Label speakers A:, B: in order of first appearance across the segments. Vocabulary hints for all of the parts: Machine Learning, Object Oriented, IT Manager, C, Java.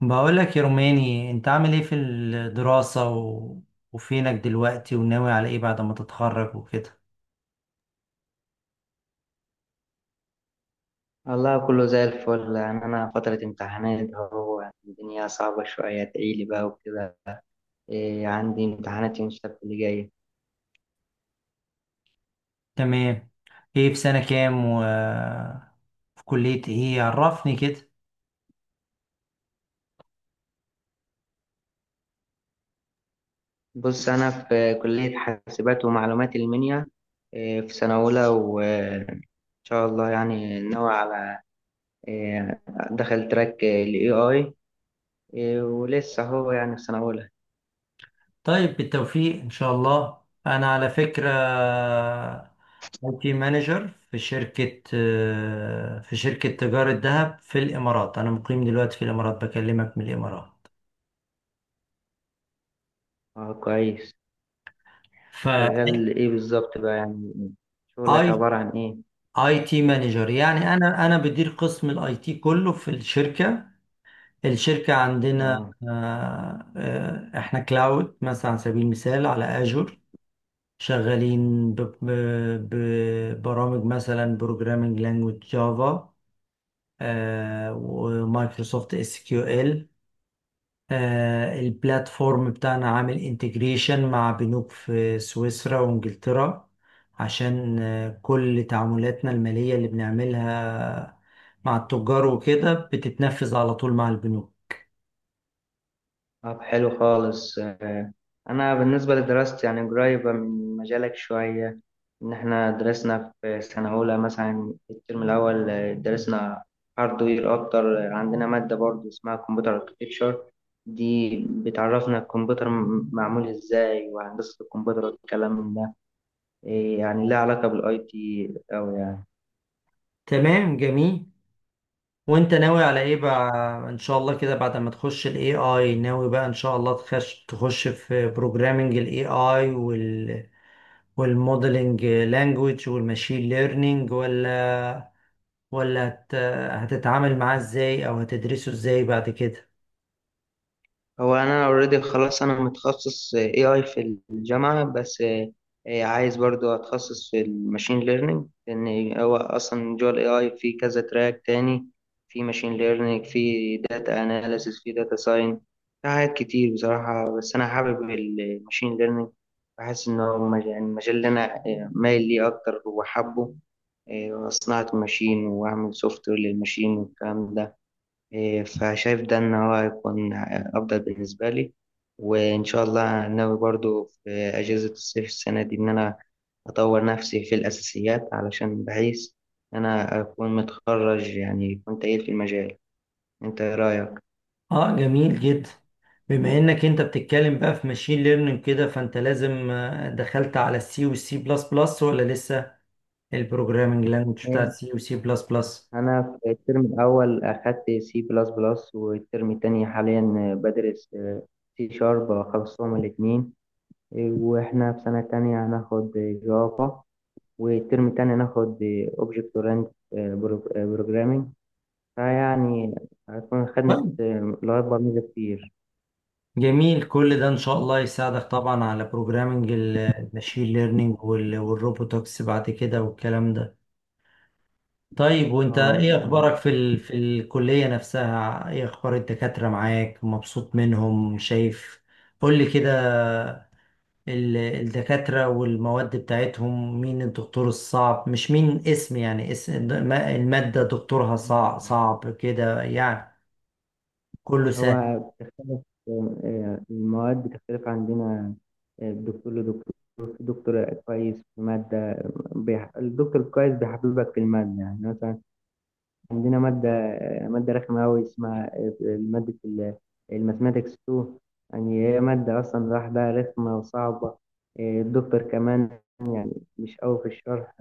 A: بقولك يا روماني، انت عامل ايه في الدراسة وفينك دلوقتي، وناوي على ايه بعد ما تتخرج وكده؟
B: والله كله زي الفل، يعني أنا فترة امتحانات أهو، يعني الدنيا صعبة شوية تعيلي بقى وكده. إيه، عندي امتحانات يوم السبت اللي جاي.
A: تمام. ايه، في سنة كام في كلية ايه؟ عرفني كده.
B: بص، أنا في كلية حاسبات ومعلومات المنيا. إيه، في سنة أولى وإن شاء الله يعني ناوي على إيه دخل تراك ال AI. إيه، ولسه هو يعني في سنة أولى.
A: طيب، بالتوفيق ان شاء الله. انا على فكرة اي تي مانجر في شركة تجارة ذهب في الامارات. انا مقيم دلوقتي في الامارات، بكلمك من الامارات.
B: أه كويس.
A: ف
B: شغال إيه بالظبط بقى؟ يعني شغلك
A: اي
B: عبارة عن إيه؟
A: اي تي مانجر، يعني انا بدير قسم الاي تي كله في الشركه. الشركه عندنا
B: أه.
A: احنا كلاود مثلا، على سبيل المثال على اجور. شغالين ببرامج، مثلا بروجرامينج لانجويج جافا، ومايكروسوفت اس كيو ال. البلاتفورم بتاعنا عامل انتجريشن مع بنوك في سويسرا وانجلترا، عشان كل تعاملاتنا المالية اللي بنعملها مع التجار وكده بتتنفذ على طول مع البنوك.
B: طب حلو خالص. أنا بالنسبة لدراستي يعني قريبة من مجالك شوية. إن إحنا درسنا في سنة أولى مثلا الترم الأول درسنا هاردوير أكتر. عندنا مادة برضه اسمها كمبيوتر أركتكتشر. دي بتعرفنا الكمبيوتر معمول إزاي، وهندسة الكمبيوتر والكلام ده. إيه، يعني لها علاقة بالأي تي أوي يعني.
A: تمام، جميل. وانت ناوي على ايه بقى؟ ان شاء الله كده بعد ما تخش الاي اي، ناوي بقى ان شاء الله تخش في بروجرامنج الاي اي، وال والموديلنج لانجويج والماشين ليرنينج، ولا هتتعامل معاه ازاي، او هتدرسه ازاي بعد كده؟
B: هو انا اوريدي خلاص، انا متخصص اي اي في الجامعه، بس عايز برضو اتخصص في الماشين ليرنينج. لان هو اصلا جوه الاي اي في كذا تراك تاني، في ماشين ليرنينج، في داتا اناليسيس، في داتا ساين، في حاجات كتير بصراحه. بس انا حابب الماشين ليرنينج، بحس ان هو يعني المجال اللي انا مايل ليه اكتر وحابه. صناعه الماشين واعمل سوفت وير للماشين والكلام ده. إيه، فشايف ده إن هو هيكون أفضل بالنسبة لي. وإن شاء الله ناوي برضو في أجازة الصيف السنة دي إن أنا أطور نفسي في الأساسيات، علشان بحيث أنا أكون متخرج يعني كنت تقيل في المجال. أنت إيه رأيك؟
A: اه، جميل جدا. بما انك انت بتتكلم بقى في ماشين ليرنينج كده، فانت لازم دخلت على السي والسي بلس بلس ولا لسه، البروجرامنج لانجوج
B: إيه،
A: بتاعت سي وسي بلس بلس.
B: أنا في الترم الأول أخدت سي بلس بلس، والترم التاني حاليا بدرس سي شارب. خلصتهم الاتنين. وإحنا في سنة تانية هناخد جافا، والترم التاني هناخد Object Oriented Programming. فيعني هتكون خدت
A: طيب
B: لغات برمجة كتير.
A: جميل، كل ده ان شاء الله يساعدك طبعا على بروجرامنج الماشين ليرنينج والروبوتكس بعد كده والكلام ده. طيب، وانت
B: اه
A: ايه
B: ف-
A: اخبارك في الكلية نفسها؟ ايه اخبار الدكاترة معاك؟ مبسوط منهم، شايف؟ قول لي كده. الدكاترة والمواد بتاعتهم، مين الدكتور الصعب؟ مش مين اسم، يعني اسم المادة دكتورها صعب صعب كده يعني، كله
B: هو
A: سهل.
B: بتختلف. المواد بتختلف عندنا، الدكتور لدكتور. في دكتور كويس في مادة. الدكتور الكويس بيحببك في المادة. يعني مثلا عندنا مادة رخمة أوي، اسمها مادة الماثماتكس 2. يعني هي مادة أصلا لوحدها رخمة وصعبة. الدكتور كمان يعني مش قوي في الشرح،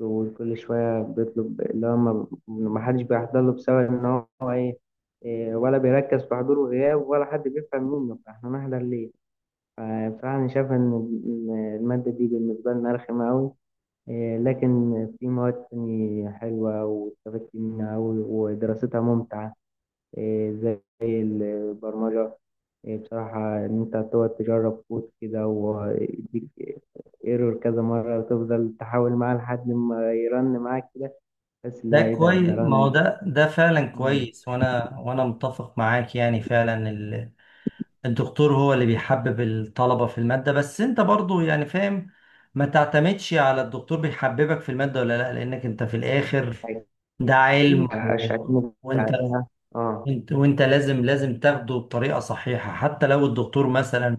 B: وكل شوية بيطلب اللي هو ما حدش بيحضر له، بسبب إن هو إيه. إيه، ولا بيركز في حضور وغياب، ولا حد بيفهم منه، فإحنا نحضر ليه؟ فبصراحة أنا شايف إن المادة دي بالنسبة لنا رخمة أوي. إيه، لكن في مواد تانية حلوة واستفدت منها أوي ودراستها ممتعة. إيه، زي البرمجة. إيه، بصراحة إن أنت تقعد تجرب كود كده، ويديك ايرور كذا مرة، وتفضل تحاول معاه لحد ما يرن معاك كده، تحس اللي
A: ده
B: هو إيه، ده
A: كويس،
B: ده
A: ما هو
B: رن.
A: ده فعلا
B: مم.
A: كويس، وانا متفق معاك يعني فعلا. الدكتور هو اللي بيحبب الطلبة في المادة، بس انت برضو يعني فاهم. ما تعتمدش على الدكتور بيحببك في المادة ولا لا، لانك انت في الاخر ده
B: أكيد
A: علم.
B: هشتمك عليها. أه.
A: وانت لازم تاخده بطريقة صحيحة، حتى لو الدكتور مثلا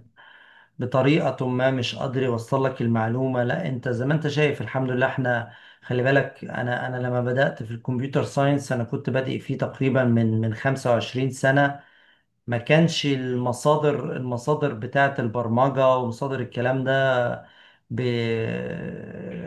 A: بطريقة ما مش قادر يوصل لك المعلومة. لا، انت زي ما انت شايف، الحمد لله، احنا، خلي بالك، انا لما بدأت في الكمبيوتر ساينس، انا كنت بادئ فيه تقريبا من 25 سنة. ما كانش المصادر، بتاعة البرمجة ومصادر الكلام ده ب...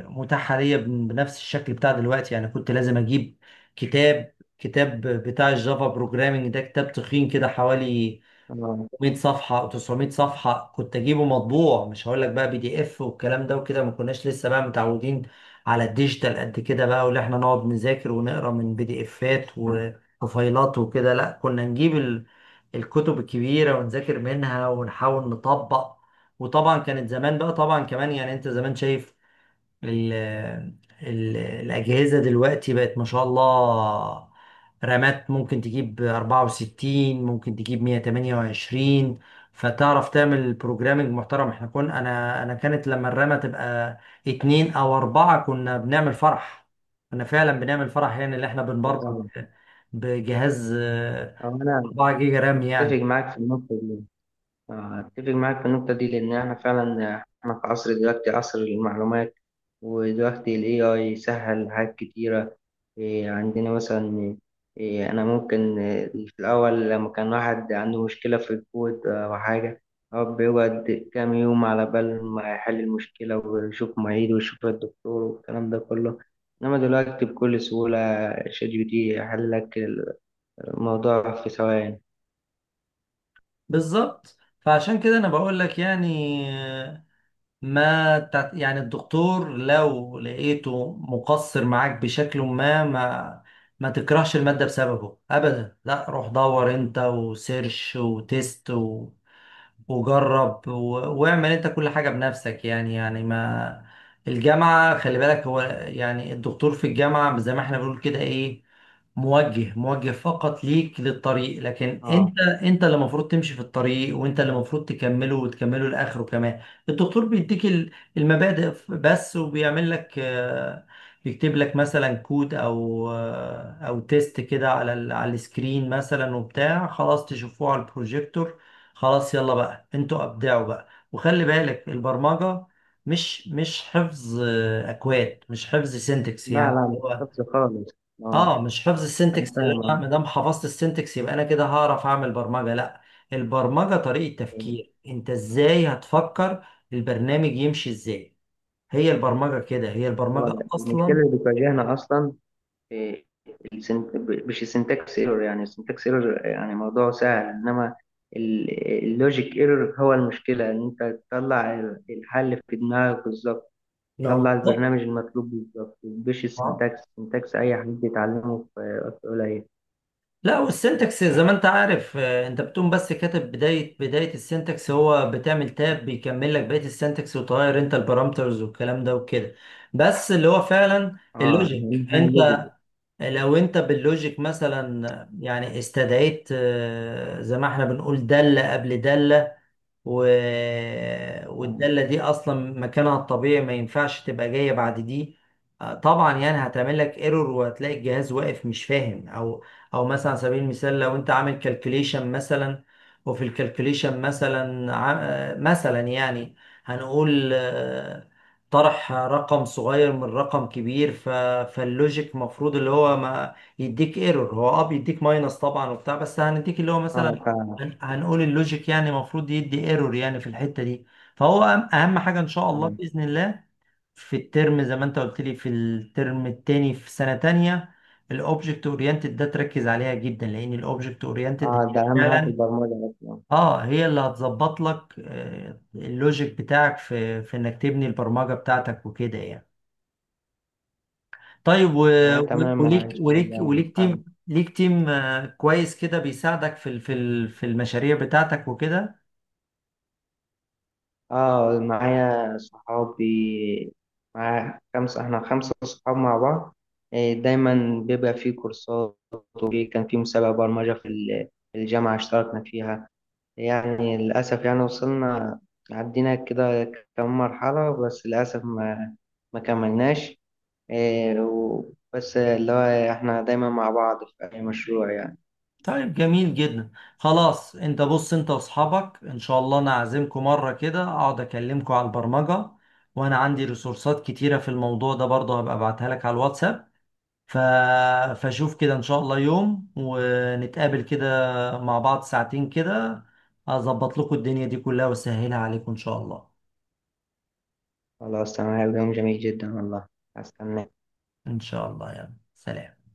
A: متاحة ليا بنفس الشكل بتاع دلوقتي. يعني كنت لازم أجيب كتاب بتاع الجافا بروجرامينج، ده كتاب تخين كده، حوالي
B: أه.
A: 600 صفحة و900 صفحة، كنت أجيبه مطبوع. مش هقول لك بقى بي دي إف والكلام ده وكده، ما كناش لسه بقى متعودين على الديجيتال قد كده بقى، واللي إحنا نقعد نذاكر ونقرا من بي دي إفات وفايلات وكده. لا، كنا نجيب الكتب الكبيرة ونذاكر منها ونحاول نطبق. وطبعا كانت زمان بقى، طبعا كمان يعني، أنت زمان شايف ال ال الأجهزة دلوقتي بقت ما شاء الله، رامات ممكن تجيب 64، ممكن تجيب 128، فتعرف تعمل بروجرامنج محترم. احنا انا كانت لما الرامة تبقى اتنين او اربعة، كنا بنعمل فرح. كنا فعلا بنعمل فرح، يعني اللي احنا
B: أه
A: بنبرمج
B: فاهم.
A: بجهاز
B: أو أنا
A: 4 جيجا رام
B: أتفق
A: يعني.
B: معاك في النقطة دي. أتفق معاك في النقطة دي، لأن إحنا فعلا إحنا في عصر دلوقتي، عصر المعلومات. ودلوقتي ال AI سهل حاجات كتيرة. إيه، عندنا مثلا إيه، أنا ممكن إيه، في الأول لما كان واحد عنده مشكلة في الكود أو حاجة، هو بيقعد كام يوم على بال ما يحل المشكلة، ويشوف معيد ويشوف الدكتور والكلام ده كله. إنما دلوقتي بكل سهولة شات جي بي تي يحل لك الموضوع في ثواني.
A: بالظبط، فعشان كده انا بقول لك يعني، ما تع- يعني الدكتور لو لقيته مقصر معاك بشكل ما، ما تكرهش المادة بسببه أبدا. لا، روح دور أنت وسيرش وتست وجرب واعمل أنت كل حاجة بنفسك. يعني ما الجامعة، خلي بالك، هو يعني الدكتور في الجامعة زي ما احنا بنقول كده إيه، موجه موجه فقط ليك للطريق، لكن
B: اه.
A: أنت اللي المفروض تمشي في الطريق، وأنت اللي المفروض تكمله وتكمله لآخره كمان. الدكتور بيديك المبادئ بس، وبيعمل لك بيكتب لك مثلا كود، او او تيست كده على على السكرين مثلا وبتاع، خلاص تشوفوه على البروجيكتور. خلاص، يلا بقى انتوا ابدعوا بقى. وخلي بالك، البرمجة مش حفظ اكواد، مش حفظ سينتكس
B: لا
A: يعني.
B: لا مش خالص خالص. اه
A: اه، مش حفظ
B: أنا
A: السنتكس، اللي انا
B: فاهم.
A: ما دام حفظت السنتكس يبقى انا كده هعرف اعمل برمجه، لا. البرمجه طريقه تفكير، انت ازاي هتفكر البرنامج يمشي ازاي. هي البرمجه كده، هي
B: هو
A: البرمجه
B: المشكلة
A: اصلا.
B: اللي بتواجهنا أصلا إيه، السنت... مش السنتكس ايرور، يعني السنتكس ايرور يعني موضوع سهل. إنما ال- اللوجيك ايرور هو المشكلة، إن أنت تطلع الحل في دماغك بالظبط،
A: نعم،
B: تطلع
A: بالظبط.
B: البرنامج المطلوب بالظبط. مش
A: اه،
B: السنتكس، السنتكس أي حد يتعلمه في وقت قليل.
A: لا، والسنتكس زي ما انت عارف، انت بتقوم بس كاتب بدايه السنتكس، هو بتعمل تاب بيكمل لك بقيه السنتكس، وتغير انت البارامترز والكلام ده وكده. بس اللي هو فعلا
B: اه
A: اللوجيك،
B: أهم حاجة
A: انت
B: اللوجيك.
A: لو انت باللوجيك مثلا، يعني استدعيت زي ما احنا بنقول دالة قبل دالة، و...
B: اه
A: والدالة دي أصلا مكانها الطبيعي ما ينفعش تبقى جاية بعد دي. طبعا يعني هتعمل لك ايرور، وهتلاقي الجهاز واقف مش فاهم. أو أو مثلا على سبيل المثال، لو أنت عامل كالكوليشن مثلا، وفي الكالكوليشن مثلا مثلا يعني هنقول طرح رقم صغير من رقم كبير. فاللوجيك مفروض اللي هو ما يديك ايرور، هو اه بيديك ماينس طبعا وبتاع، بس هنديك اللي هو مثلا
B: فعلا.
A: هنقول اللوجيك يعني المفروض يدي ايرور يعني في الحتة دي. فهو أهم أهم حاجة إن شاء الله
B: تمام.
A: بإذن الله. في الترم، زي ما أنت قلت لي، في الترم التاني في سنة تانية، الأوبجكت أورينتد، ده تركز عليها جدا لأن الأوبجكت
B: اه
A: أورينتد
B: ده أهم حاجة في
A: فعلا.
B: البرمجة أصلا.
A: أه، هي اللي هتظبط لك اللوجيك بتاعك في إنك تبني البرمجة بتاعتك وكده يعني. طيب،
B: آه تمام إن شاء الله.
A: وليك تيم ليك كويس كده، بيساعدك في المشاريع بتاعتك وكده.
B: اه معايا صحابي، معايا خمسة، احنا خمسة صحاب مع بعض. إيه، دايما بيبقى في كورسات، وفي كان في مسابقة برمجة في في الجامعة اشتركنا فيها. يعني للأسف يعني وصلنا، عدينا كده كم مرحلة، بس للأسف ما كملناش. إيه، و- بس اللي هو احنا دايما مع بعض في أي مشروع يعني.
A: طيب جميل جدا. خلاص، انت بص، انت واصحابك ان شاء الله انا اعزمكم مره كده اقعد اكلمكم على البرمجه، وانا عندي ريسورسات كتيره في الموضوع ده برضه، هبقى ابعتها لك على الواتساب. ف... فشوف كده ان شاء الله يوم ونتقابل كده مع بعض ساعتين كده، اظبط لكم الدنيا دي كلها واسهلها عليكم ان شاء الله.
B: خلاص تمام، يوم جميل جدا والله. هستناك.
A: ان شاء الله يعني، سلام.